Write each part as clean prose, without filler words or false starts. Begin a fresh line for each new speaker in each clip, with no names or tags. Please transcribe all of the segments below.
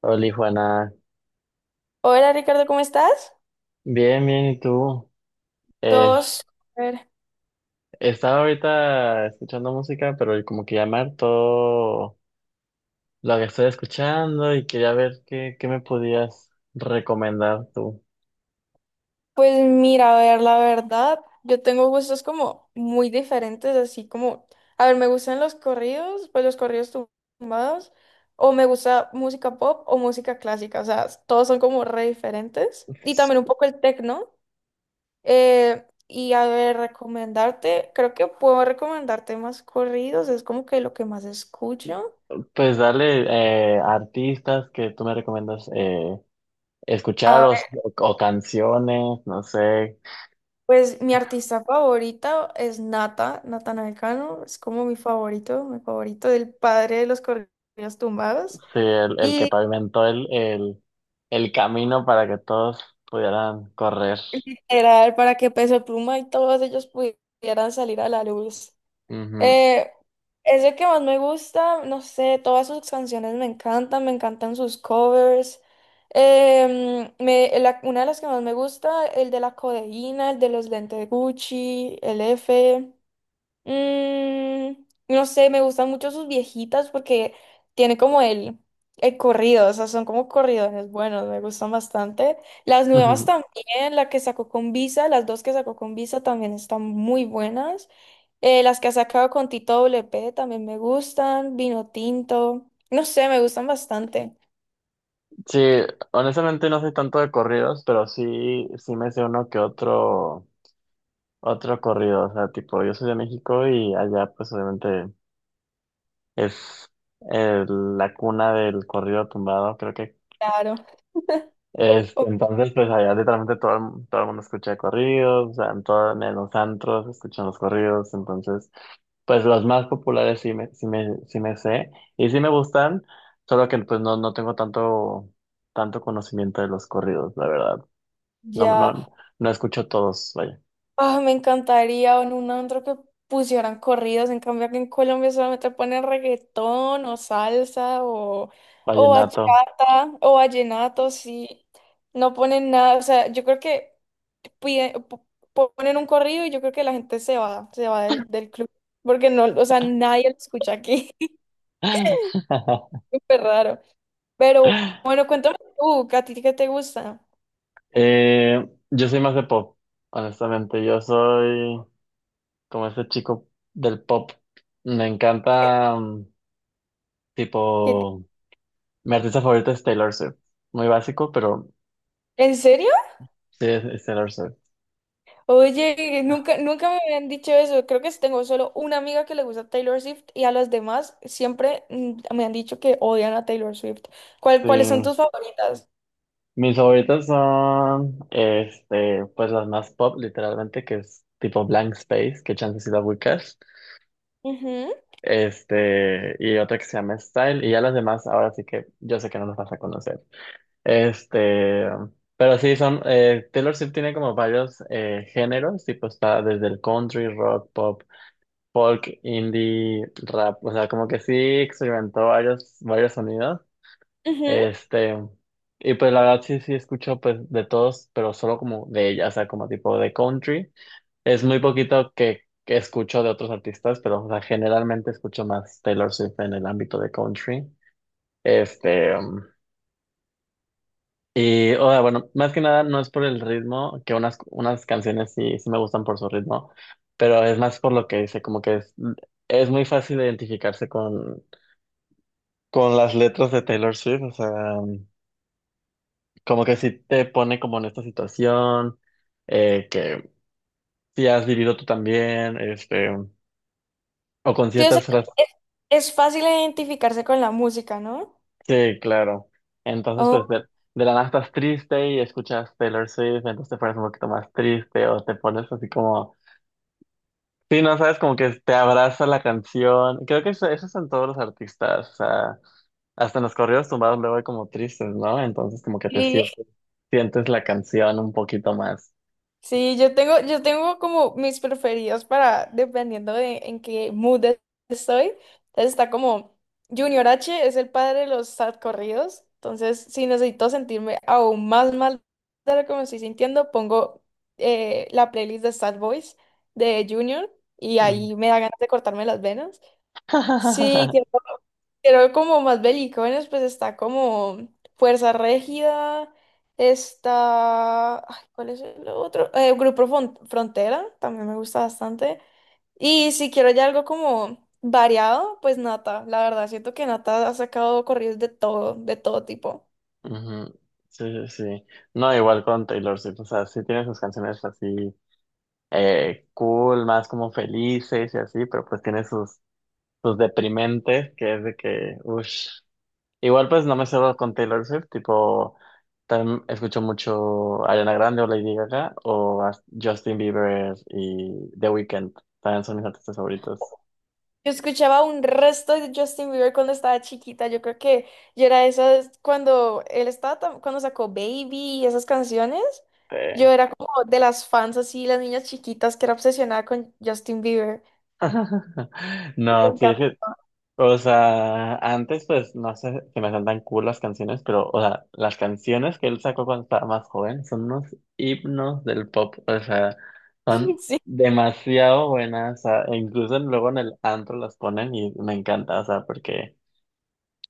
Hola, Juana.
Hola Ricardo, ¿cómo estás?
Bien, bien, ¿y tú? Eh,
Todos. A ver,
Estaba ahorita escuchando música, pero como que llamar todo lo que estoy escuchando y quería ver qué me podías recomendar tú.
pues mira, a ver, la verdad, yo tengo gustos como muy diferentes, así como, a ver, me gustan los corridos, pues los corridos tumbados, o me gusta música pop o música clásica, o sea, todos son como re diferentes. Y también un poco el techno. Y a ver, recomendarte, creo que puedo recomendarte más corridos, es como que lo que más escucho.
Pues dale, artistas que tú me recomiendas escuchar o canciones, no sé.
Pues mi artista favorita es Natanael Naecano, es como mi favorito del padre de los corridos tumbados.
Sí, el que
Y
pavimentó el camino para que todos pudieran correr.
era para que Peso Pluma y todos ellos pudieran salir a la luz.
Ujú.
Eh, es el que más me gusta, no sé, todas sus canciones me encantan sus covers. Una de las que más me gusta, el de la codeína, el de los lentes Gucci, el F. Mm, no sé, me gustan mucho sus viejitas porque tiene como el corrido, o sea, son como corridones buenos, me gustan bastante. Las nuevas también, la que sacó con Visa, las dos que sacó con Visa también están muy buenas. Las que ha sacado con Tito W P también me gustan, Vino Tinto, no sé, me gustan bastante.
Sí, honestamente no soy tanto de corridos, pero sí, sí me sé uno que otro, otro corrido. O sea, tipo, yo soy de México y allá pues obviamente es la cuna del corrido tumbado, creo que.
Claro. Oh,
Este, entonces pues allá literalmente todo, todo el mundo escucha corridos, o sea, en los antros escuchan los corridos, entonces pues los más populares sí me sé y sí me gustan, solo que pues no, no tengo tanto conocimiento de los corridos, la verdad. No,
ya.
no, no escucho todos, vaya,
Ah, me encantaría o en un antro que pusieran corridos, en cambio aquí en Colombia solamente ponen reggaetón o salsa o
vallenato.
bachata o vallenato, sí, no ponen nada, o sea, yo creo que pide- po- ponen un corrido y yo creo que la gente se va del club, porque no, o sea, nadie lo escucha aquí, es súper raro, pero bueno, cuéntame tú, ¿a ti qué te gusta?
Yo soy más de pop, honestamente. Yo soy como ese chico del pop. Me encanta,
¿Qué te-
tipo, mi artista favorita es Taylor Swift. Muy básico, pero
¿En serio?
sí es Taylor Swift.
Oye, nunca me habían dicho eso. Creo que sí tengo solo una amiga que le gusta Taylor Swift y a las demás siempre me han dicho que odian a Taylor Swift.
Sí.
¿Cuáles son tus favoritas?
Mis favoritas son, este, pues las más pop, literalmente, que es tipo Blank Space, que chance si la ubicas.
Ujú,
Este, y otra que se llama Style, y ya las demás, ahora sí que yo sé que no nos vas a conocer. Este, pero sí, son, Taylor Swift tiene como varios géneros, tipo está desde el country, rock, pop, folk, indie, rap, o sea, como que sí experimentó varios, varios sonidos.
ujú.
Este, y pues la verdad sí, sí escucho pues de todos, pero solo como de ella, o sea, como tipo de country. Es muy poquito que escucho de otros artistas, pero o sea, generalmente escucho más Taylor Swift en el ámbito de country. Este, y o sea, bueno, más que nada no es por el ritmo, que unas canciones sí, sí me gustan por su ritmo, pero es más por lo que dice, como que es muy fácil identificarse con las letras de Taylor Swift, o sea, um, como que sí te pone como en esta situación, que sí has vivido tú también, este, o con
Sí, o sea,
ciertas frases.
es, es fácil identificarse con la música, ¿no?
Sí, claro. Entonces, pues de la nada estás triste y escuchas Taylor Swift, entonces te pones un poquito más triste o te pones así como, sí, no sabes, como que te abraza la canción. Creo que eso es en todos los artistas, o sea, hasta en los corridos tumbados luego hay como tristes, ¿no? Entonces como que te
Ok.
sientes, sientes la canción un poquito más.
Sí, yo tengo como mis preferidos para, dependiendo de en qué mood estoy. Entonces está como Junior H es el padre de los sad corridos. Entonces, si necesito sentirme aún más mal de lo que me estoy sintiendo, pongo la playlist de Sad Boys de Junior y
Ujú.
ahí me da ganas de cortarme las venas. Sí, pero como más belicones, pues está como Fuerza Régida, está... ay, ¿cuál es el otro? Grupo Frontera, también me gusta bastante. Y si quiero ya algo como variado, pues Nata, la verdad, siento que Nata ha sacado corridos de todo tipo.
Ujú. Sí, sí, sí. No, igual con Taylor Swift, o sea, sí tiene sus canciones así cool, más como felices y así, pero pues tiene sus pues deprimente, que es de que, uff. Igual pues no me cedo con Taylor Swift, tipo, también escucho mucho Ariana Grande o Lady Gaga o a Justin Bieber y The Weeknd, también son mis artistas favoritos.
Yo escuchaba un resto de Justin Bieber cuando estaba chiquita. Yo creo que yo era esas cuando él estaba cuando sacó Baby y esas canciones.
Sí.
Yo era como de las fans así, las niñas chiquitas que era obsesionada con Justin Bieber. Me
No, sí, es
encanta.
que o sea, antes pues no sé si me son tan cool las canciones, pero o sea, las canciones que él sacó cuando estaba más joven son unos himnos del pop, o sea, son
Sí,
demasiado buenas, o sea, e incluso luego en el antro las ponen y me encanta, o sea, porque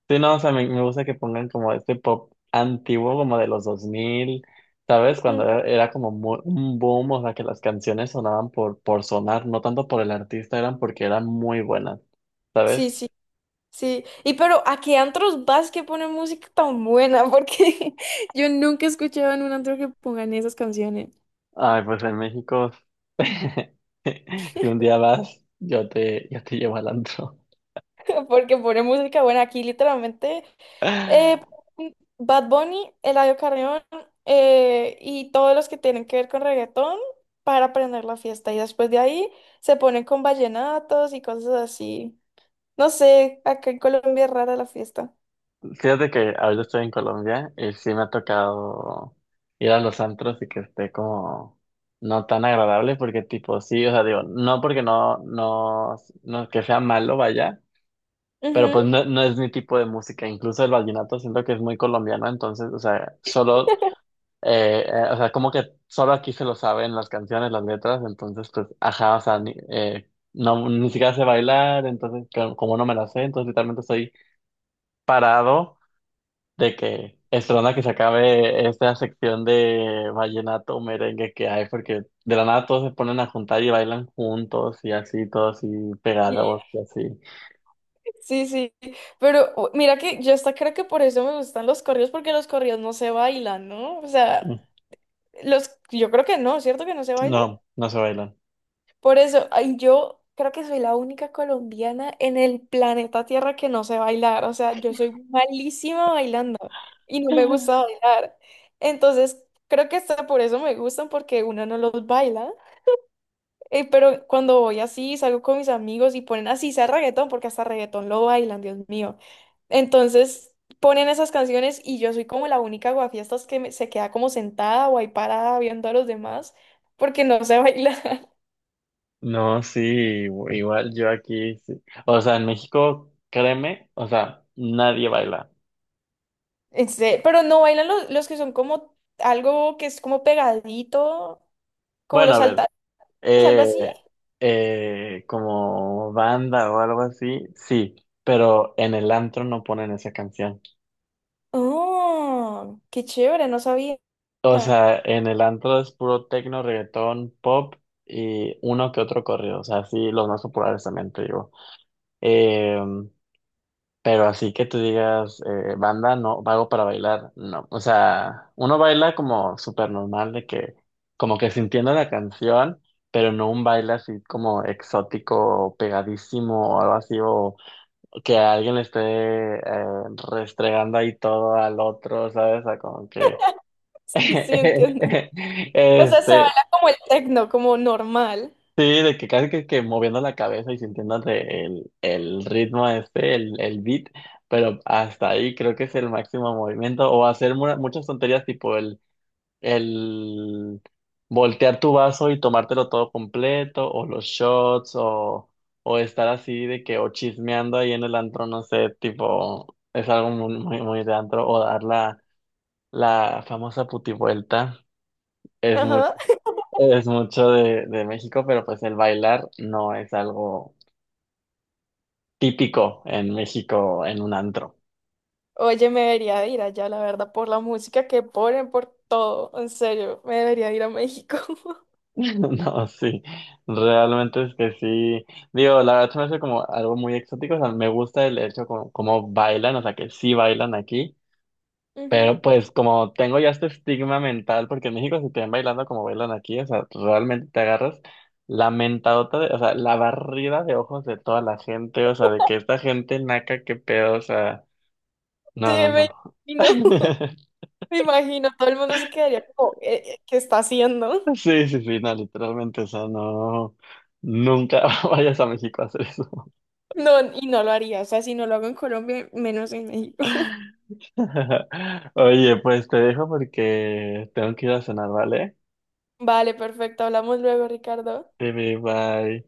sí, no, o sea, me gusta que pongan como este pop antiguo como de los dos mil, ¿sabes?
ujú,
Cuando era como un boom, o sea, que las canciones sonaban por sonar, no tanto por el artista, eran porque eran muy buenas.
sí,
¿Sabes?
sí, sí. Y pero ¿a qué antros vas que ponen música tan buena? Porque yo nunca he escuchado en un antro que pongan esas canciones.
Ay, pues en México, si un día vas, yo te llevo al antro.
Porque pone música buena aquí, literalmente. eh, Bad Bunny, Eladio Carrión, y todos los que tienen que ver con reggaetón para aprender la fiesta. Y después de ahí se ponen con vallenatos y cosas así. No sé, acá en Colombia es rara la fiesta.
Fíjate que ahorita estoy en Colombia y sí me ha tocado ir a los antros y que esté como no tan agradable porque tipo, sí, o sea, digo, no porque no que sea malo, vaya, pero
Ujú.
pues no, no es mi tipo de música. Incluso el vallenato siento que es muy colombiano, entonces, o sea, solo o sea, como que solo aquí se lo saben las canciones, las letras, entonces pues, ajá, o sea, ni, no, ni siquiera sé bailar, entonces como no me la sé, entonces literalmente estoy parado de que esperando a que se acabe esta sección de vallenato o merengue que hay, porque de la nada todos se ponen a juntar y bailan juntos y así, todos así
Sí,
pegados y así.
sí, sí. Pero mira que yo hasta creo que por eso me gustan los corridos, porque los corridos no se bailan, ¿no? O sea, los, yo creo que no, ¿cierto que no se bailan?
No, no se bailan.
Por eso, ay, yo creo que soy la única colombiana en el planeta Tierra que no sé bailar. O sea, yo soy malísima bailando y no me gusta bailar. Entonces, creo que hasta por eso me gustan, porque uno no los baila. Pero cuando voy así, salgo con mis amigos y ponen así, sea reggaetón, porque hasta reggaetón lo bailan, Dios mío. Entonces, ponen esas canciones y yo soy como la única guafiestas se queda como sentada o ahí parada viendo a los demás, porque no sé bailar.
No, sí, igual yo aquí, sí. O sea, en México, créeme, o sea, nadie baila.
Este, pero no bailan los que son como algo que es como pegadito, como
Bueno,
los
a ver,
saltados, algo
eh,
así.
como banda o algo así, sí, pero en el antro no ponen esa canción.
Oh, qué chévere, no sabía.
O sea, en el antro es puro tecno, reggaetón, pop y uno que otro corrido. O sea, sí, los más populares también te digo. Em, Pero así que tú digas, banda, no, vago para bailar, no. O sea, uno baila como súper normal, de que, como que sintiendo la canción, pero no un baile así como exótico, o pegadísimo o algo así, o que a alguien le esté eh, restregando ahí todo al otro, ¿sabes? O sea, como que,
Sí, sí, entiendo. O sea, se
este,
baila como el tecno, como normal.
sí, de que casi que moviendo la cabeza y sintiendo el ritmo este, el beat, pero hasta ahí creo que es el máximo movimiento, o hacer muchas tonterías tipo el voltear tu vaso y tomártelo todo completo, o los shots, o estar así de que, o chismeando ahí en el antro, no sé, tipo, es algo muy, muy, muy de antro, o dar la famosa putivuelta, es
Ajá.
es mucho de México, pero pues el bailar no es algo típico en México en un antro.
Oye, me debería ir allá, la verdad, por la música que ponen, por todo. En serio, me debería ir a México.
No, sí, realmente es que sí. Digo, la verdad se me hace como algo muy exótico. O sea, me gusta el hecho como, como bailan, o sea, que sí bailan aquí.
Ujú.
Pero pues como tengo ya este estigma mental, porque en México si te ven bailando como bailan aquí, o sea, realmente te agarras la mentadota, de- o sea, la barrida de ojos de toda la gente, o sea, de que esta gente naca, qué pedo, o sea.
Sí,
No, no,
me
no.
imagino. Me imagino, todo el mundo se quedaría como, ¿qué está haciendo?
Sí, sí, sí, no, literalmente, o sea, no, nunca vayas a México a hacer eso.
No, y no lo haría. O sea, si no lo hago en Colombia, menos en México.
Oye, pues te dejo porque tengo que ir a cenar, ¿vale?
Vale, perfecto. Hablamos luego, Ricardo.
Bye, bye.